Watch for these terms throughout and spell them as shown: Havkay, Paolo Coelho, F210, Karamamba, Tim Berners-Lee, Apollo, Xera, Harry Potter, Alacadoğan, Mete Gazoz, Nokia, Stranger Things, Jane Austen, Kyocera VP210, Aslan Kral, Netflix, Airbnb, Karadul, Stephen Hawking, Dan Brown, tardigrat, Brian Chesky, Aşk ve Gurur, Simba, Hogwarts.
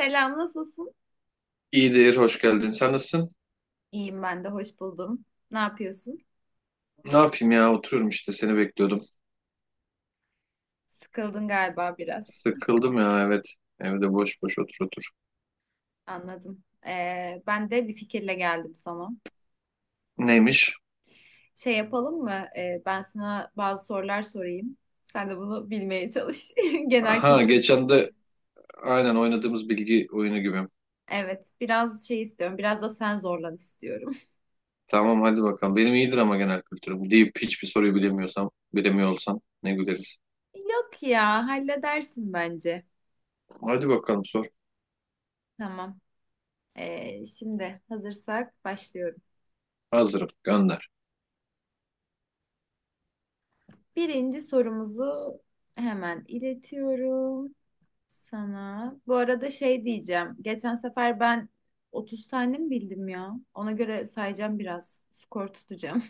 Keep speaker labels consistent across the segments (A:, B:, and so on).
A: Selam, nasılsın?
B: İyidir, hoş geldin. Sen nasılsın?
A: İyiyim ben de, hoş buldum. Ne yapıyorsun?
B: Ne yapayım ya, oturuyorum işte seni bekliyordum.
A: Sıkıldın galiba biraz.
B: Sıkıldım ya, evet. Evde boş boş otur otur.
A: Anladım. Ben de bir fikirle geldim sana.
B: Neymiş?
A: Şey yapalım mı? Ben sana bazı sorular sorayım. Sen de bunu bilmeye çalış. Genel
B: Ha,
A: kültür
B: geçen de
A: soruları.
B: aynen oynadığımız bilgi oyunu gibi.
A: Evet, biraz şey istiyorum. Biraz da sen zorlan istiyorum.
B: Tamam hadi bakalım. Benim iyidir ama genel kültürüm. Deyip hiçbir soruyu bilemiyorsam, bilemiyor olsam ne güleriz.
A: Yok ya, halledersin bence.
B: Hadi bakalım sor.
A: Tamam. Şimdi hazırsak başlıyorum.
B: Hazırım, gönder.
A: Birinci sorumuzu hemen iletiyorum. Sana. Bu arada şey diyeceğim. Geçen sefer ben 30 tane mi bildim ya? Ona göre sayacağım biraz. Skor tutacağım.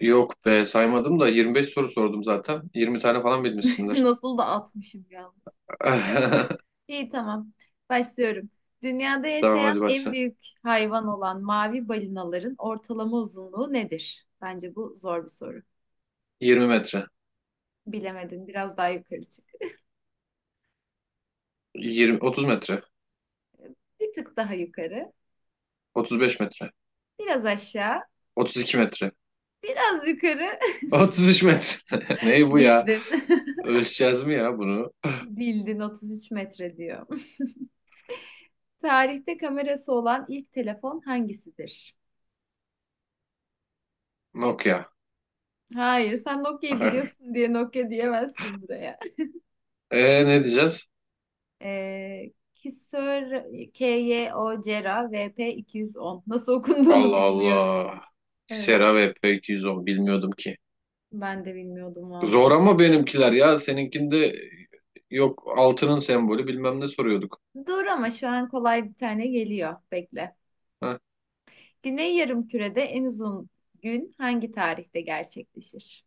B: Yok be, saymadım da 25 soru sordum zaten. 20 tane falan bilmişsindir.
A: Nasıl da atmışım yalnız. İyi, tamam. Başlıyorum. Dünyada
B: Tamam
A: yaşayan
B: hadi
A: en
B: başla.
A: büyük hayvan olan mavi balinaların ortalama uzunluğu nedir? Bence bu zor bir soru.
B: 20 metre.
A: Bilemedin. Biraz daha yukarı çık.
B: 20, 30 metre.
A: Bir tık daha yukarı.
B: 35 metre.
A: Biraz aşağı.
B: 32 metre.
A: Biraz yukarı.
B: 33 metre. Ne bu ya?
A: Bildin.
B: Ölçeceğiz mi ya bunu?
A: Bildin, 33 metre diyor. Tarihte kamerası olan ilk telefon hangisidir?
B: Nokia.
A: Hayır, sen Nokia'yı biliyorsun diye Nokia diyemezsin buraya.
B: E, ne diyeceğiz?
A: Kyocera KYOCERA VP210. Nasıl okunduğunu
B: Allah
A: bilmiyorum.
B: Allah. Xera
A: Evet,
B: ve F210 bilmiyordum ki.
A: ben de bilmiyordum
B: Zor
A: valla.
B: ama benimkiler ya. Seninkinde yok, altının sembolü bilmem ne soruyorduk.
A: Dur ama şu an kolay bir tane geliyor. Bekle.
B: Heh,
A: Güney Yarımküre'de en uzun gün hangi tarihte gerçekleşir?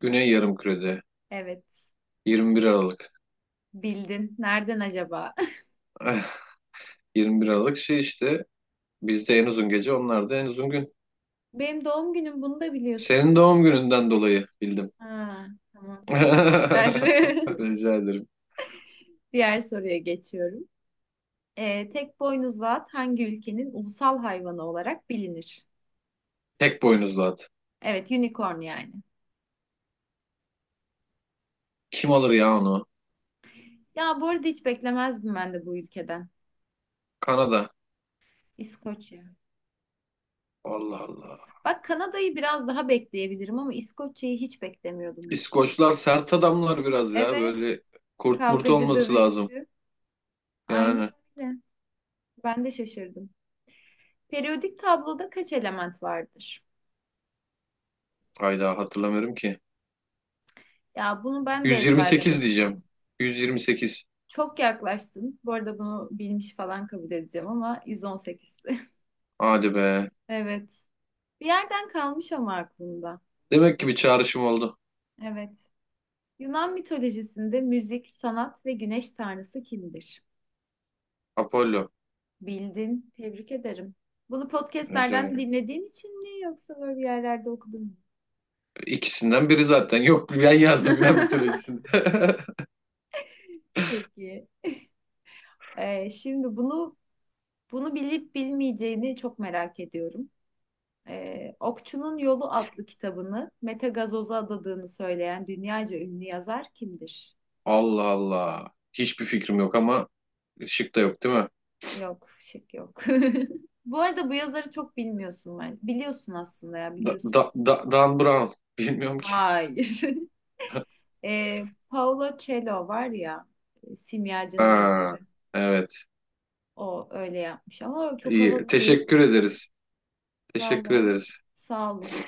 B: Güney Yarımküre'de
A: Evet,
B: 21 Aralık.
A: bildin. Nereden acaba?
B: Eh, 21 Aralık şey işte, bizde en uzun gece onlarda en uzun gün.
A: Benim doğum günüm, bunu da biliyorsun.
B: Senin doğum gününden dolayı bildim.
A: Ha, tamam. Teşekkürler.
B: Rica ederim.
A: Diğer soruya geçiyorum. Tek boynuzlu at hangi ülkenin ulusal hayvanı olarak bilinir?
B: Tek boynuzlu at.
A: Evet, unicorn yani.
B: Kim alır ya onu?
A: Ya bu arada hiç beklemezdim ben de bu ülkeden.
B: Kanada.
A: İskoçya.
B: Allah Allah.
A: Bak Kanada'yı biraz daha bekleyebilirim ama İskoçya'yı hiç beklemiyordum açıkçası.
B: İskoçlar sert adamlar biraz ya.
A: Evet,
B: Böyle kurt murt
A: kavgacı,
B: olması lazım.
A: dövüşçü. Aynen
B: Yani
A: öyle. Ben de şaşırdım. Periyodik tabloda kaç element vardır?
B: hayda, hatırlamıyorum ki.
A: Ya bunu ben de
B: 128
A: ezberlemedim.
B: diyeceğim. 128.
A: Çok yaklaştın. Bu arada bunu bilmiş falan kabul edeceğim ama 118'si.
B: Hadi be.
A: Evet. Bir yerden kalmış ama aklımda.
B: Demek ki bir çağrışım oldu.
A: Evet. Yunan mitolojisinde müzik, sanat ve güneş tanrısı kimdir?
B: Apollo.
A: Bildin. Tebrik ederim. Bunu podcastlerden
B: Ece-
A: dinlediğin için mi yoksa böyle bir yerlerde okudun mu?
B: İkisinden biri zaten. Yok, ben yazdım yine mitolojisini.
A: Peki. Şimdi bunu bilip bilmeyeceğini çok merak ediyorum. Okçunun Yolu adlı kitabını Mete Gazoz'a adadığını söyleyen dünyaca ünlü yazar kimdir?
B: Allah Allah. Hiçbir fikrim yok ama şık da yok değil mi?
A: Yok, şık yok. Bu arada bu yazarı çok bilmiyorsun ben. Biliyorsun aslında ya, biliyorsun.
B: Dan Brown. Bilmiyorum ki.
A: Hayır. Ee, Paolo Coelho var ya, Simyacı'nın
B: Ha,
A: yazarı.
B: evet.
A: O öyle yapmış ama çok
B: İyi.
A: havalı değil
B: Teşekkür
A: mi?
B: ederiz. Teşekkür
A: Vallahi
B: ederiz.
A: sağ olun.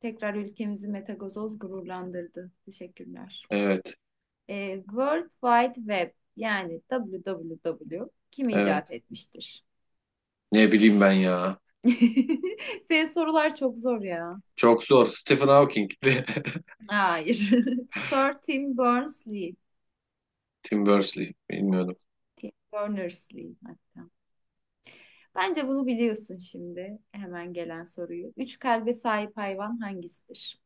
A: Tekrar ülkemizi Mete Gazoz gururlandırdı. Teşekkürler.
B: Evet,
A: E, World Wide Web yani WWW kim
B: evet.
A: icat etmiştir?
B: Ne bileyim ben ya.
A: Senin sorular çok zor ya.
B: Çok zor. Stephen Hawking.
A: Hayır. Sir Tim Berners-Lee.
B: Tim Berners-Lee. Bilmiyordum.
A: Tim Berners-Lee hatta. Bence bunu biliyorsun şimdi. Hemen gelen soruyu. Üç kalbe sahip hayvan hangisidir?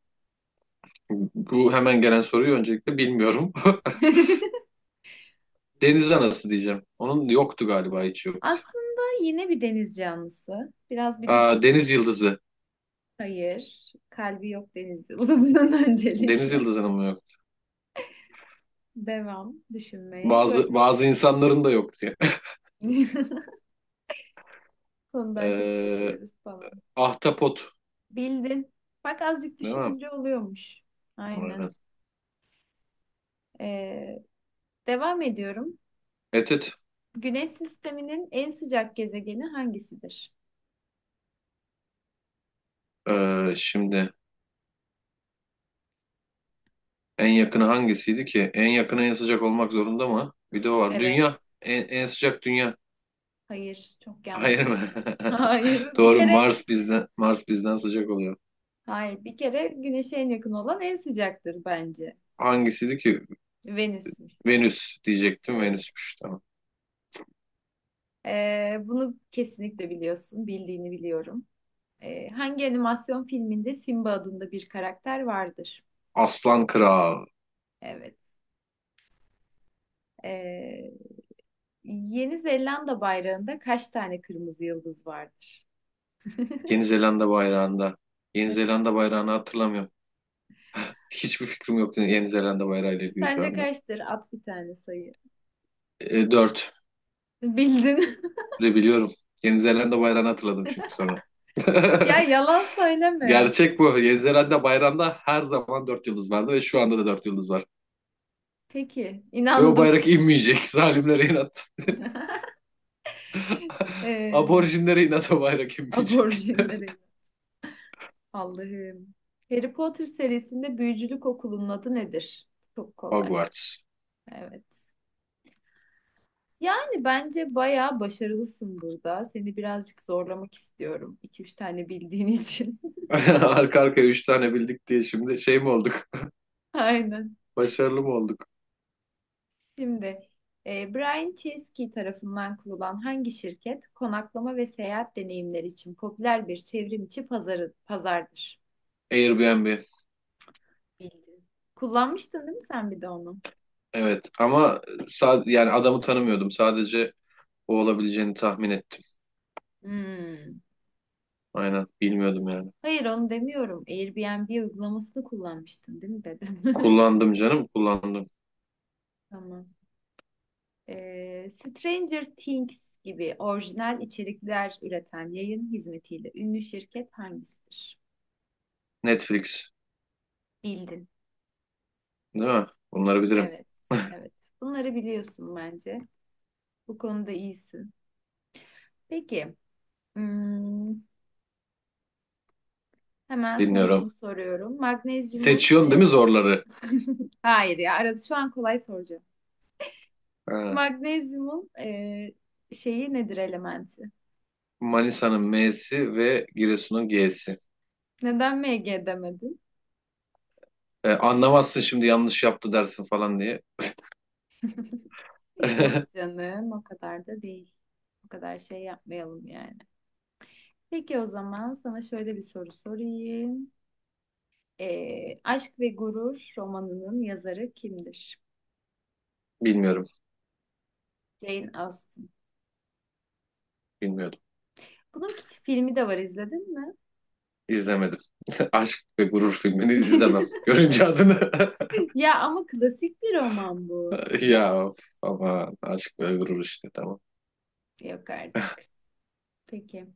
B: Bu hemen gelen soruyu öncelikle bilmiyorum. Deniz anası diyeceğim. Onun yoktu galiba, hiç yok.
A: Aslında yine bir deniz canlısı. Biraz bir
B: Aa,
A: düşün.
B: deniz yıldızı.
A: Hayır. Kalbi yok deniz yıldızının
B: Deniz
A: öncelikle.
B: yıldızının mı yok?
A: Devam düşünmeye.
B: Bazı
A: Böyle
B: bazı insanların da yok diye.
A: Konudan çok
B: Ee,
A: sapıyoruz falan.
B: ahtapot.
A: Bildin. Bak azıcık
B: Değil mi?
A: düşününce oluyormuş. Aynen.
B: Aynen.
A: Ee, Devam ediyorum.
B: Evet, evet.
A: Güneş sisteminin en sıcak gezegeni hangisidir?
B: Şimdi en yakını hangisiydi ki? En yakını en sıcak olmak zorunda mı? Bir de o var.
A: Evet.
B: Dünya. En sıcak dünya.
A: Hayır. Çok
B: Hayır mı?
A: yanlış. Hayır. Bir
B: Doğru,
A: kere.
B: Mars bizden sıcak oluyor.
A: Hayır. Bir kere Güneş'e en yakın olan en sıcaktır bence.
B: Hangisiydi ki?
A: Venüs'müş.
B: Venüs diyecektim.
A: Evet.
B: Venüsmüş, tamam.
A: Bunu kesinlikle biliyorsun. Bildiğini biliyorum. Hangi animasyon filminde Simba adında bir karakter vardır?
B: Aslan Kral.
A: Evet. Ee, Yeni Zelanda bayrağında kaç tane kırmızı yıldız vardır?
B: Yeni Zelanda bayrağında. Yeni Zelanda bayrağını hatırlamıyorum. Hiçbir fikrim yok Yeni Zelanda bayrağı ile ilgili şu
A: Sence
B: anda.
A: kaçtır? At bir tane sayı.
B: E, dört
A: Bildin.
B: de biliyorum. Yeni Zelanda bayrağını hatırladım çünkü sonra.
A: Ya yalan söyleme.
B: Gerçek bu. Yeni Zelanda bayrağında her zaman dört yıldız vardı ve şu anda da dört yıldız var.
A: Peki,
B: Ve o
A: inandım.
B: bayrak inmeyecek. Zalimlere inat.
A: Ee,
B: Aborjinlere inat o bayrak inmeyecek.
A: aborjinlere. Allah'ım. Harry Potter serisinde büyücülük okulunun adı nedir? Çok kolay.
B: Hogwarts.
A: Evet. Yani bence bayağı başarılısın burada. Seni birazcık zorlamak istiyorum. İki üç tane bildiğin için.
B: Arka arkaya üç tane bildik diye şimdi şey mi olduk?
A: Aynen.
B: Başarılı mı olduk?
A: Şimdi Brian Chesky tarafından kurulan hangi şirket konaklama ve seyahat deneyimleri için popüler bir çevrim içi pazardır?
B: Airbnb.
A: Bildin. Kullanmıştın değil mi sen bir de onu?
B: Evet ama yani adamı tanımıyordum. Sadece o olabileceğini tahmin ettim.
A: Hmm.
B: Aynen, bilmiyordum yani.
A: Hayır, onu demiyorum. Airbnb uygulamasını kullanmıştın değil mi dedim.
B: Kullandım canım, kullandım.
A: Tamam. E, Stranger Things gibi orijinal içerikler üreten yayın hizmetiyle ünlü şirket hangisidir?
B: Netflix,
A: Bildin.
B: değil mi? Bunları bilirim.
A: Evet, evet. Bunları biliyorsun bence. Bu konuda iyisin. Peki, hmm, hemen sana şunu
B: Dinliyorum.
A: soruyorum. Magnezyumun,
B: Seçiyorsun değil mi zorları?
A: hayır ya, arada şu an kolay soracağım.
B: Ha.
A: Magnezyumun şeyi nedir elementi?
B: Manisa'nın M'si ve Giresun'un G'si.
A: Neden Mg demedin?
B: E, anlamazsın, şimdi yanlış yaptı dersin falan diye.
A: Yok canım, o kadar da değil. O kadar şey yapmayalım yani. Peki o zaman sana şöyle bir soru sorayım. E, Aşk ve Gurur romanının yazarı kimdir?
B: Bilmiyorum.
A: Jane Austen.
B: Bilmiyordum.
A: Bunun filmi de var, izledin mi?
B: İzlemedim. Aşk ve Gurur filmini izlemem. Görünce adını.
A: Ya ama klasik bir roman bu.
B: Ya of, ama Aşk ve Gurur işte, tamam.
A: Yok artık. Peki.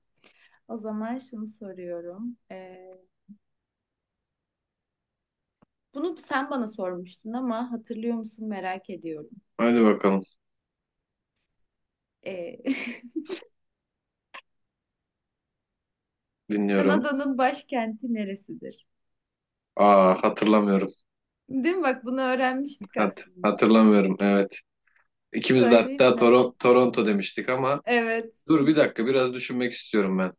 A: O zaman şunu soruyorum. Bunu sen bana sormuştun ama hatırlıyor musun merak ediyorum.
B: Hadi bakalım.
A: Ee,
B: Dinliyorum.
A: Kanada'nın başkenti neresidir?
B: Aa, hatırlamıyorum.
A: Değil mi? Bak bunu öğrenmiştik
B: Hat
A: aslında.
B: hatırlamıyorum evet. İkimiz de
A: Söyleyeyim
B: hatta
A: mi?
B: Toronto demiştik ama
A: Evet.
B: dur bir dakika, biraz düşünmek istiyorum ben.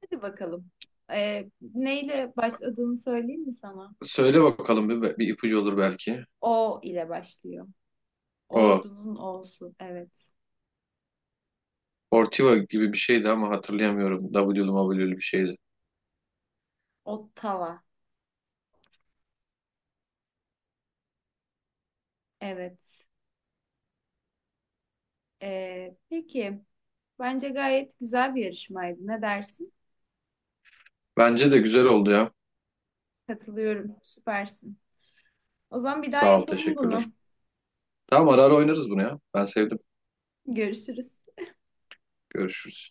A: Hadi bakalım. Neyle başladığını söyleyeyim mi sana?
B: Söyle bakalım, bir ipucu olur belki.
A: O ile başlıyor.
B: O,
A: Ordunun O'su. Evet.
B: Ortiva gibi bir şeydi ama hatırlayamıyorum. WWW'lü bir şeydi.
A: Ottawa. Evet. Peki. Bence gayet güzel bir yarışmaydı. Ne dersin?
B: Bence de güzel oldu ya.
A: Katılıyorum. Süpersin. O zaman bir daha
B: Sağ ol,
A: yapalım
B: teşekkürler.
A: bunu.
B: Tamam, ara ara oynarız bunu ya. Ben sevdim.
A: Görüşürüz.
B: Görüşürüz.